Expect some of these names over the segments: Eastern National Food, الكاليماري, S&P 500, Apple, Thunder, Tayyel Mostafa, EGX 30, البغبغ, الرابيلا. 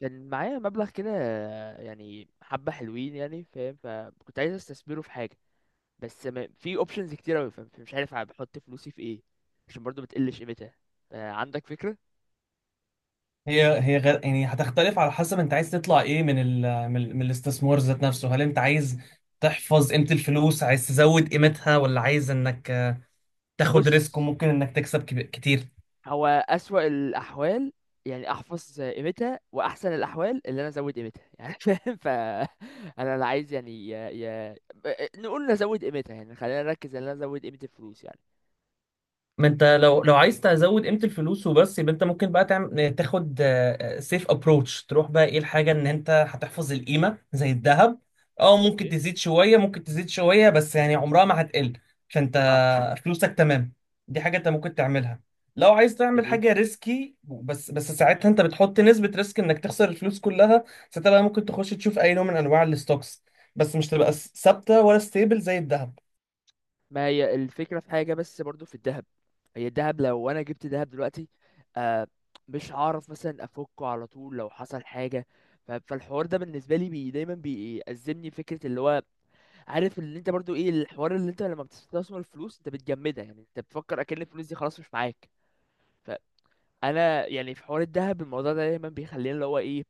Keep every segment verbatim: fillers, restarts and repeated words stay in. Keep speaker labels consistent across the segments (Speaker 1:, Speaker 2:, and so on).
Speaker 1: كان معايا مبلغ كده، يعني حبة حلوين، يعني فاهم، فكنت عايز استثمره في حاجة. بس ما في اوبشنز كتير اوي، فاهم، فمش عارف بحط فلوسي في ايه، عشان برضو بتقلش قيمتها. آه، عندك فكرة؟
Speaker 2: هي هي غير يعني هتختلف على حسب انت عايز تطلع ايه من ال من, ال- من الاستثمار ذات نفسه. هل انت عايز تحفظ قيمة الفلوس، عايز تزود قيمتها، ولا عايز انك تاخد
Speaker 1: بص،
Speaker 2: ريسك وممكن انك تكسب كب- كتير؟
Speaker 1: هو أسوأ الأحوال يعني أحفظ قيمتها، وأحسن الأحوال اللي أنا أزود قيمتها يعني. فاهم، ف أنا لا عايز، يعني يا... يا... نقول نزود قيمتها يعني، خلينا نركز إن أنا أزود قيمة الفلوس يعني.
Speaker 2: ما انت لو لو عايز تزود قيمه الفلوس وبس، يبقى انت ممكن بقى تعمل تاخد سيف ابروتش. تروح بقى ايه الحاجه، ان انت هتحفظ القيمه زي الذهب. اه، ممكن
Speaker 1: اوكي.
Speaker 2: تزيد شويه، ممكن تزيد شويه، بس يعني عمرها ما هتقل. فانت
Speaker 1: اه.
Speaker 2: فلوسك تمام. دي حاجه انت ممكن تعملها. لو عايز تعمل
Speaker 1: جميل.
Speaker 2: حاجه ريسكي، بس بس ساعتها انت بتحط نسبه ريسك انك تخسر الفلوس كلها. ساعتها بقى ممكن تخش تشوف اي نوع من انواع الستوكس، بس مش تبقى ثابته ولا ستيبل زي الذهب.
Speaker 1: ما هي الفكرة في حاجة، بس برضو في الذهب. هي الذهب، لو انا جبت ذهب دلوقتي، آه، مش هعرف مثلا افكه على طول لو حصل حاجة. ف- فالحوار ده بالنسبة لي بي دايما بيأزمني فكرة، اللي هو عارف اللي انت برضو ايه الحوار، اللي انت لما بتستثمر الفلوس انت بتجمدها، يعني انت بتفكر اكن الفلوس دي خلاص مش معاك. فانا يعني في حوار الذهب، الموضوع ده دايما بيخليني اللي هو ايه،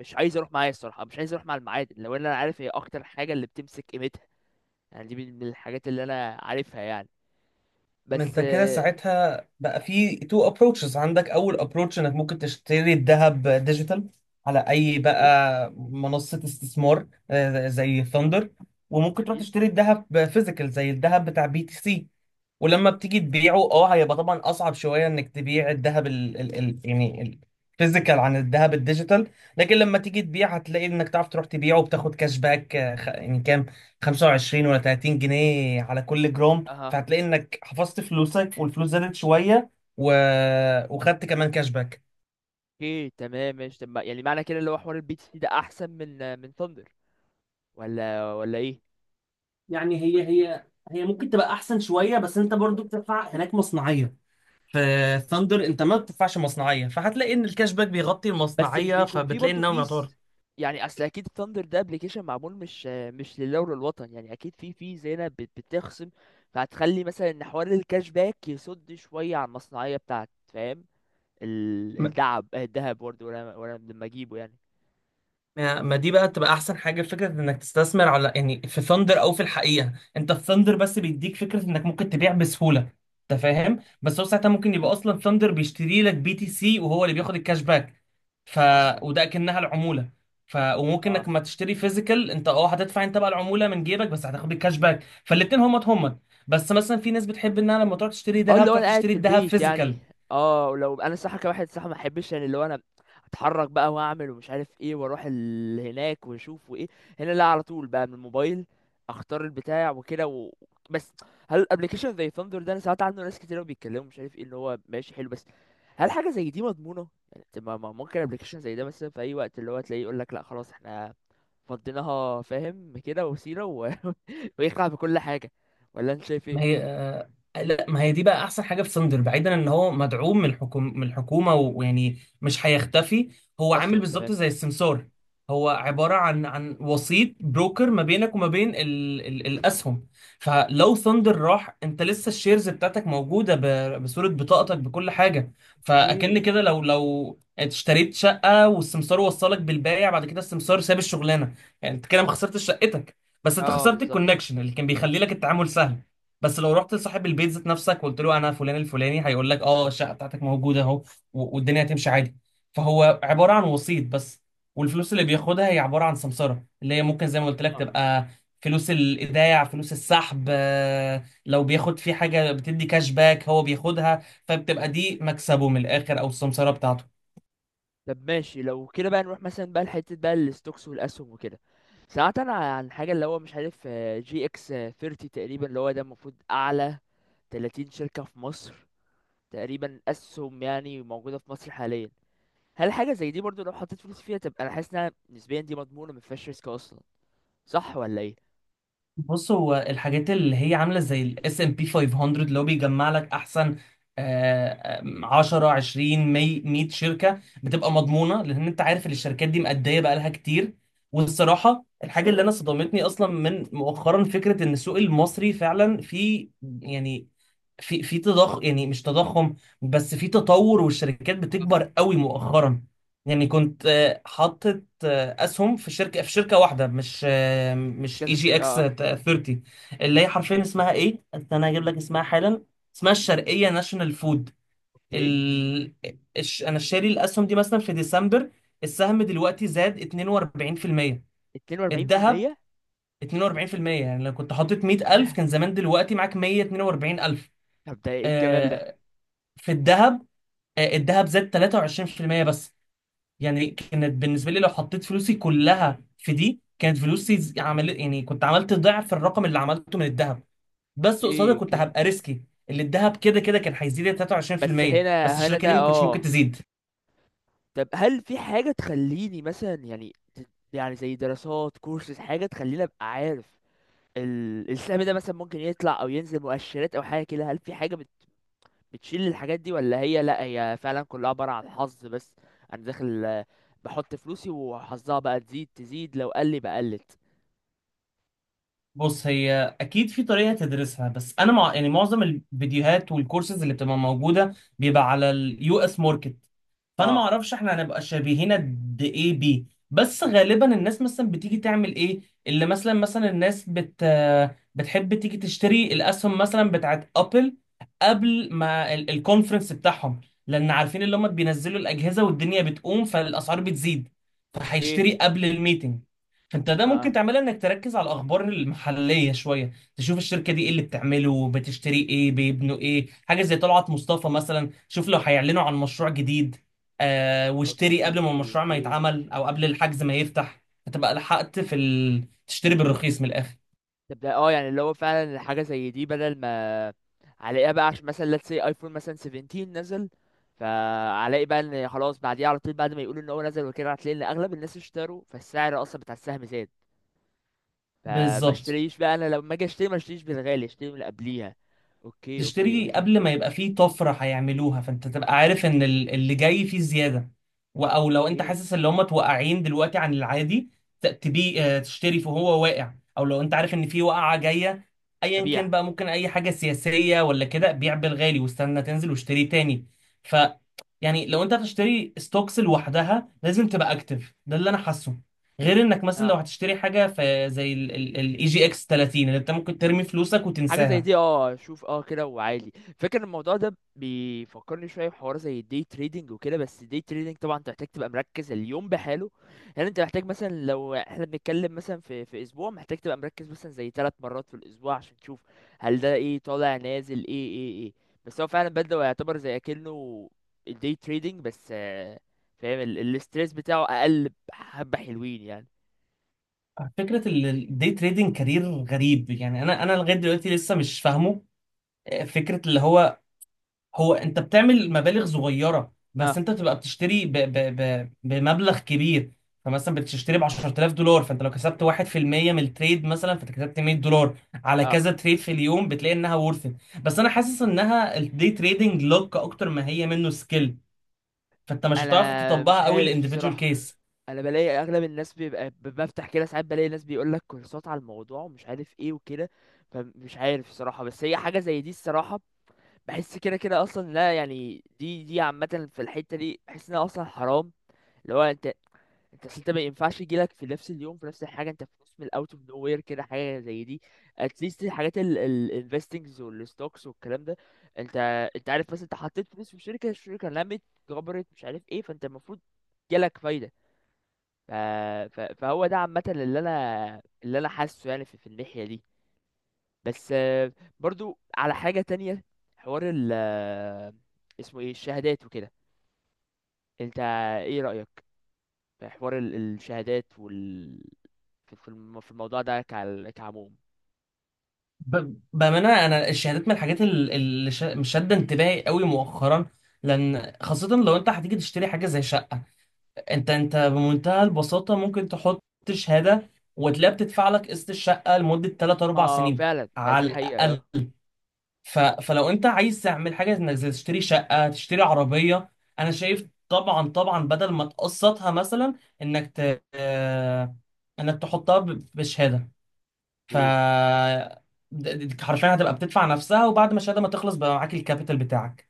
Speaker 1: مش عايز اروح، معايا الصراحة مش عايز اروح مع المعادن، لو انا عارف هي اكتر حاجة اللي بتمسك قيمتها. يعني دي من من الحاجات اللي انا عارفها، يعني.
Speaker 2: ما
Speaker 1: بس.
Speaker 2: انت كده ساعتها بقى في تو ابروتشز. عندك اول ابروتش انك ممكن تشتري الذهب ديجيتال على اي
Speaker 1: ايه.
Speaker 2: بقى منصة استثمار، آه، زي ثاندر. وممكن تروح
Speaker 1: جميل.
Speaker 2: تشتري الذهب فيزيكال زي الذهب بتاع بي تي سي. ولما بتيجي تبيعه، اه، هيبقى طبعا اصعب شوية انك تبيع الذهب ال ال ال يعني الفيزيكال عن الذهب الديجيتال. لكن لما تيجي تبيع هتلاقي انك تعرف تروح تبيعه وبتاخد كاش باك، آه، خ- يعني كام، خمسة وعشرين ولا ثلاثين جنيه على كل جرام.
Speaker 1: اها.
Speaker 2: فهتلاقي انك حفظت فلوسك والفلوس زادت شويه، و... وخدت كمان كاش باك.
Speaker 1: اوكي. تمام. ماشي. طب يعني معنى كده اللي هو حوار البي تي سي ده احسن من من ثاندر، ولا ولا ايه؟
Speaker 2: يعني هي هي هي ممكن تبقى احسن شويه، بس انت برضو بتدفع هناك مصنعيه. في ثاندر انت ما بتدفعش مصنعيه، فهتلاقي ان الكاش باك بيغطي
Speaker 1: بس مش
Speaker 2: المصنعيه،
Speaker 1: بيكون فيه
Speaker 2: فبتلاقي
Speaker 1: برضه
Speaker 2: انه يعتبر.
Speaker 1: فيز، يعني اصل اكيد ثاندر ده ابلكيشن معمول، مش مش لله وللوطن، يعني اكيد فيه فيز هنا بت- بتخصم. فهتخلي مثلا ان حوار الكاش باك يصد شويه على المصنعيه بتاعت، فاهم. ال-
Speaker 2: ما
Speaker 1: الدعب الذهب برضه ولا ولا لما اجيبه يعني؟
Speaker 2: ما دي بقى تبقى احسن حاجه، فكره انك تستثمر على يعني في ثاندر، او في الحقيقه انت في ثاندر بس بيديك فكره انك ممكن تبيع بسهوله. انت فاهم؟ بس هو ساعتها ممكن يبقى اصلا ثاندر بيشتري لك بي تي سي وهو اللي بياخد الكاش باك. ف
Speaker 1: اصلا.
Speaker 2: وده اكنها العموله. ف وممكن انك
Speaker 1: اه.
Speaker 2: ما تشتري فيزيكال. انت، اه هتدفع انت بقى العموله من جيبك بس هتاخد الكاش باك، فالاتنين همت همت. بس مثلا في ناس بتحب انها لما تروح تشتري
Speaker 1: اه. اللي
Speaker 2: ذهب،
Speaker 1: هو
Speaker 2: تروح
Speaker 1: انا قاعد
Speaker 2: تشتري
Speaker 1: في
Speaker 2: الذهب
Speaker 1: البيت يعني.
Speaker 2: فيزيكال.
Speaker 1: اه لو انا الصراحه كواحد صح، ما احبش يعني اللي هو انا اتحرك بقى واعمل ومش عارف ايه، واروح ال... هناك واشوف وايه، هنا لا، على طول بقى من الموبايل اختار البتاع وكده و... بس. هل الابلكيشن زي ثاندر ده، انا سمعت عنه ناس كتير قوي بيتكلموا مش عارف ايه، اللي هو ماشي حلو، بس هل حاجه زي دي مضمونه يعني؟ طب ما ما ممكن ابلكيشن زي ده مثلا في اي وقت اللي هو تلاقيه يقول لك لا خلاص، احنا فضيناها، فاهم كده، وسيله و... ويخلع بكل حاجه؟ ولا انت شايف
Speaker 2: ما
Speaker 1: ايه؟
Speaker 2: هي آه، لا، ما هي دي بقى احسن حاجه في ساندر، بعيدا ان هو مدعوم من الحكومه من الحكومه، و- ويعني مش هيختفي. هو عامل
Speaker 1: اصلا.
Speaker 2: بالظبط
Speaker 1: تمام.
Speaker 2: زي السمسار. هو عباره عن عن وسيط، بروكر ما بينك وما بين ال ال الاسهم. فلو ثاندر راح انت لسه الشيرز بتاعتك موجوده، ب- بصوره، بطاقتك، بكل حاجه. فاكن
Speaker 1: اوكي.
Speaker 2: كده، لو لو اشتريت شقه والسمسار وصلك بالبايع، بعد كده السمسار ساب الشغلانه. يعني انت كده ما خسرتش شقتك، بس انت
Speaker 1: اه
Speaker 2: خسرت
Speaker 1: بالظبط.
Speaker 2: الكونكشن اللي كان بيخلي لك التعامل سهل. بس لو رحت لصاحب البيت ذات نفسك وقلت له انا فلان الفلاني، هيقول لك اه، الشقه بتاعتك موجوده اهو، و- والدنيا هتمشي عادي. فهو عباره عن وسيط بس. والفلوس اللي بياخدها هي عباره عن سمسره، اللي هي ممكن زي ما قلت لك
Speaker 1: اه.
Speaker 2: تبقى فلوس الايداع، فلوس السحب، آه، لو بياخد في حاجه بتدي كاش باك هو بياخدها. فبتبقى دي مكسبه من الاخر، او السمسره بتاعته.
Speaker 1: طب ماشي، لو كده بقى نروح مثلا بقى لحتة بقى الستوكس والاسهم وكده. سمعت انا عن حاجة اللي هو مش عارف، آه، جي اكس ثلاثين تقريبا، اللي هو ده المفروض اعلى ثلاثين شركة في مصر تقريبا، اسهم يعني موجودة في مصر حاليا. هل حاجة زي دي برضو لو حطيت فلوس فيها تبقى، انا حاسس انها نسبيا دي مضمونة، ما فيهاش ريسك اصلا؟ صح ولا ايه؟
Speaker 2: بص، هو الحاجات اللي هي عامله زي الاس ام بي خمسمية، اللي هو بيجمع لك احسن آه، آم، عشرة عشرين مئة مئة شركه، بتبقى مضمونه لان انت عارف ان الشركات دي مأديه بقالها كتير. والصراحه، الحاجه اللي انا صدمتني اصلا من مؤخرا، فكره ان السوق المصري فعلا في، يعني في في تضخم، يعني مش تضخم، بس في تطور والشركات
Speaker 1: اه.
Speaker 2: بتكبر قوي مؤخرا. يعني كنت آه، حاطط اسهم في شركه في شركه واحده. مش
Speaker 1: مش
Speaker 2: مش اي
Speaker 1: كذا
Speaker 2: جي
Speaker 1: شيء.
Speaker 2: اكس
Speaker 1: اه. اه.
Speaker 2: تلاتين. اللي هي حرفيا اسمها ايه، انا هجيب لك اسمها حالا. اسمها الشرقيه ناشونال فود.
Speaker 1: اوكي.
Speaker 2: ال... الش... انا شاري الاسهم دي مثلا في ديسمبر. السهم دلوقتي زاد اتنين واربعين بالمية. الذهب.
Speaker 1: اتنين وأربعين بالمية؟ طب
Speaker 2: اتنين واربعين بالمية يعني لو كنت حاطط مية الف كان زمان دلوقتي معاك مية واتنين واربعين الف،
Speaker 1: طب ده ايه الجمال ده؟
Speaker 2: آه، في الذهب. آه، الذهب زاد تلاتة وعشرين بالمية بس. يعني كانت بالنسبه لي لو حطيت فلوسي كلها في دي كانت فلوسي ز- عمل، يعني كنت عملت ضعف الرقم اللي عملته من الذهب. بس قصادها
Speaker 1: اوكي.
Speaker 2: كنت
Speaker 1: اوكي.
Speaker 2: هبقى ريسكي. اللي الذهب كده كده كان هيزيد
Speaker 1: بس
Speaker 2: تلاتة وعشرين بالمية
Speaker 1: هنا
Speaker 2: بس،
Speaker 1: هنا
Speaker 2: الشركه دي
Speaker 1: ده،
Speaker 2: ما كنتش ممكن
Speaker 1: اه.
Speaker 2: تزيد.
Speaker 1: طب هل في حاجة تخليني مثلا، يعني ت- يعني زي دراسات، كورسز، حاجة تخليني أبقى عارف ال- السهم ده مثلا ممكن يطلع أو ينزل، مؤشرات أو حاجة كده، هل في حاجة بت- بتشيل الحاجات دي، ولا هي لأ، هي فعلا كلها عبارة عن حظ بس، أنا داخل آه، بحط فلوسي وحظها بقى تزيد تزيد، لو قل بقى قلت؟
Speaker 2: بص، هي اكيد في طريقه تدرسها. بس انا مع... يعني معظم الفيديوهات والكورسز اللي بتبقى موجوده بيبقى على اليو اس ماركت. فانا ما
Speaker 1: اه.
Speaker 2: اعرفش احنا هنبقى شبيهين قد ايه بيه. بس غالبا الناس مثلا بتيجي تعمل ايه؟ اللي مثلا مثلا الناس بت بتحب تيجي تشتري الاسهم مثلا بتاعت ابل قبل ما ال- الكونفرنس بتاعهم، لان عارفين اللي هم بينزلوا الاجهزه والدنيا بتقوم فالاسعار بتزيد.
Speaker 1: اوكي.
Speaker 2: فهيشتري قبل الميتنج. انت ده
Speaker 1: اه.
Speaker 2: ممكن
Speaker 1: آه.
Speaker 2: تعملها، انك تركز على الاخبار المحليه شويه، تشوف الشركه دي ايه اللي بتعمله، بتشتري ايه، بيبنوا ايه، حاجه زي طلعت مصطفى مثلا. شوف لو هيعلنوا عن مشروع جديد، آه، واشتري قبل ما
Speaker 1: اوكي.
Speaker 2: المشروع ما
Speaker 1: اوكي.
Speaker 2: يتعمل، او قبل الحجز ما يفتح، هتبقى لحقت في ال... تشتري بالرخيص من الاخر.
Speaker 1: تبدا، اه يعني اللي هو فعلا حاجه زي دي، بدل ما عليها بقى، عشان مثلا let's say ايفون مثلا سبعتاشر نزل، فعلي بقى ان خلاص بعديها على طول، بعد ما يقولوا ان هو نزل وكده، هتلاقي ان اغلب الناس اشتروا، فالسعر اصلا بتاع السهم زاد. فما
Speaker 2: بالظبط.
Speaker 1: اشتريش بقى، انا لما اجي اشتري ما اشتريش بالغالي، اشتري من اللي قبليها. اوكي. اوكي.
Speaker 2: تشتري
Speaker 1: اوكي.
Speaker 2: قبل ما يبقى فيه طفرة هيعملوها، فانت تبقى عارف
Speaker 1: مم.
Speaker 2: ان ال- اللي جاي فيه زيادة. و- او لو انت
Speaker 1: اوكي.
Speaker 2: حاسس ان هم توقعين دلوقتي عن العادي، ت- تبي آه، تشتري، فهو واقع، او لو انت عارف ان في وقعة جاية، ايا كان
Speaker 1: ابيع.
Speaker 2: بقى، ممكن اي حاجة سياسية ولا كده، بيع بالغالي واستنى تنزل واشتري تاني. ف يعني لو انت هتشتري ستوكس لوحدها لازم تبقى اكتف، ده اللي انا حاسه. غير انك مثلا لو
Speaker 1: اه.
Speaker 2: هتشتري حاجة في زي الاي جي اكس تلاتين، اللي انت ممكن ترمي فلوسك
Speaker 1: حاجه زي
Speaker 2: وتنساها.
Speaker 1: دي، اه. شوف، اه كده، وعالي. فاكر، الموضوع ده بيفكرني شويه بحوار زي الدي تريدنج وكده، بس الدي تريدنج طبعا انت محتاج تبقى مركز اليوم بحاله. يعني انت محتاج مثلا لو احنا بنتكلم مثلا في في اسبوع، محتاج تبقى مركز مثلا زي ثلاث مرات في الاسبوع عشان تشوف هل ده ايه، طالع نازل، ايه ايه ايه. بس هو فعلا بدأ يعتبر زي اكنه الدي تريدنج بس، آه، فاهم، الاستريس بتاعه اقل، حبه حلوين يعني.
Speaker 2: فكرة الدي تريدنج كارير غريب يعني، انا انا لغاية دلوقتي لسه مش فاهمه. آه، فكرة اللي هو هو انت بتعمل مبالغ صغيرة بس
Speaker 1: اه.
Speaker 2: انت بتبقى بتشتري ب ب ب بمبلغ كبير. فمثلا بتشتري ب عشرة آلاف دولار، فانت لو كسبت واحد بالمية من التريد مثلا، فانت كسبت مية دولار. على
Speaker 1: اه.
Speaker 2: كذا تريد في اليوم بتلاقي انها ورث. بس انا حاسس انها الدي تريدنج لوك اكتر ما هي منه سكيل. فانت مش هتعرف
Speaker 1: انا مش
Speaker 2: تطبقها قوي
Speaker 1: عارف
Speaker 2: الانديفيدوال
Speaker 1: الصراحه،
Speaker 2: كيس.
Speaker 1: انا بلاقي اغلب الناس بيبقى ب- بفتح كده ساعات، بلاقي ناس بيقول لك كورسات على الموضوع ومش عارف ايه وكده. فمش عارف الصراحه، بس هي حاجه زي دي الصراحه، بحس كده كده اصلا لا، يعني دي دي عامه في الحته دي، بحس انها اصلا حرام. اللي هو انت انت أصل، انت ما ينفعش يجيلك في نفس اليوم في نفس الحاجه، انت في نص الاوت اوف نو وير كده حاجه زي دي. اتليست الحاجات الانفستنجز والستوكس والكلام ده، انت انت عارف، بس انت حطيت فلوس في شركه، الشركه لمت، كبرت مش عارف ايه، فانت المفروض جالك فايده. ف... ف... فهو ده عامة اللي انا اللي انا حاسه يعني في, في الناحية دي. بس، آه، برضو على حاجة تانية، حوار ال آه، اسمه ايه، الشهادات وكده، انت ايه رأيك في حوار ال- الشهادات وال في في الم- في الموضوع ده كع- كعموم؟
Speaker 2: ب- بأمانة، أنا الشهادات من الحاجات ال- اللي شا- مش شادة انتباهي قوي مؤخرا. لأن خاصة لو أنت هتيجي تشتري حاجة زي شقة، أنت أنت بمنتهى البساطة ممكن تحط شهادة وتلاقيها بتدفع لك قسط الشقة لمدة ثلاثة اربعة
Speaker 1: اه
Speaker 2: سنين
Speaker 1: فعلا، ما
Speaker 2: على
Speaker 1: دي
Speaker 2: الأقل.
Speaker 1: حقيقة.
Speaker 2: ف... فلو أنت عايز تعمل حاجة إنك زي تشتري شقة، تشتري عربية، أنا شايف طبعا طبعا بدل ما تقسطها مثلا، إنك ت... آه، إنك تحطها ب- بشهادة. ف
Speaker 1: اه.
Speaker 2: د- د- حرفيا هتبقى بتدفع نفسها، وبعد ما الشهاده ما تخلص بقى معاك الكابيتال بتاعك.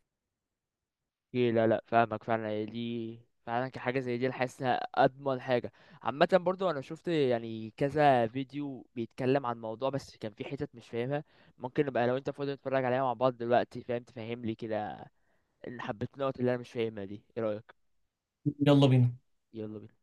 Speaker 1: إيه، لا لا فاهمك فعلا، هي دي فعلا كحاجة زي دي، أنا حاسس إنها أضمن حاجة عامة. برضو أنا شفت يعني كذا فيديو بيتكلم عن الموضوع، بس كان في حتت مش فاهمها. ممكن نبقى لو أنت فاضي نتفرج عليها مع بعض دلوقتي، فاهم، تفهملي كده إن حبيت النقط اللي أنا مش فاهمها دي. إيه رأيك؟
Speaker 2: يلا بينا.
Speaker 1: يلا بينا.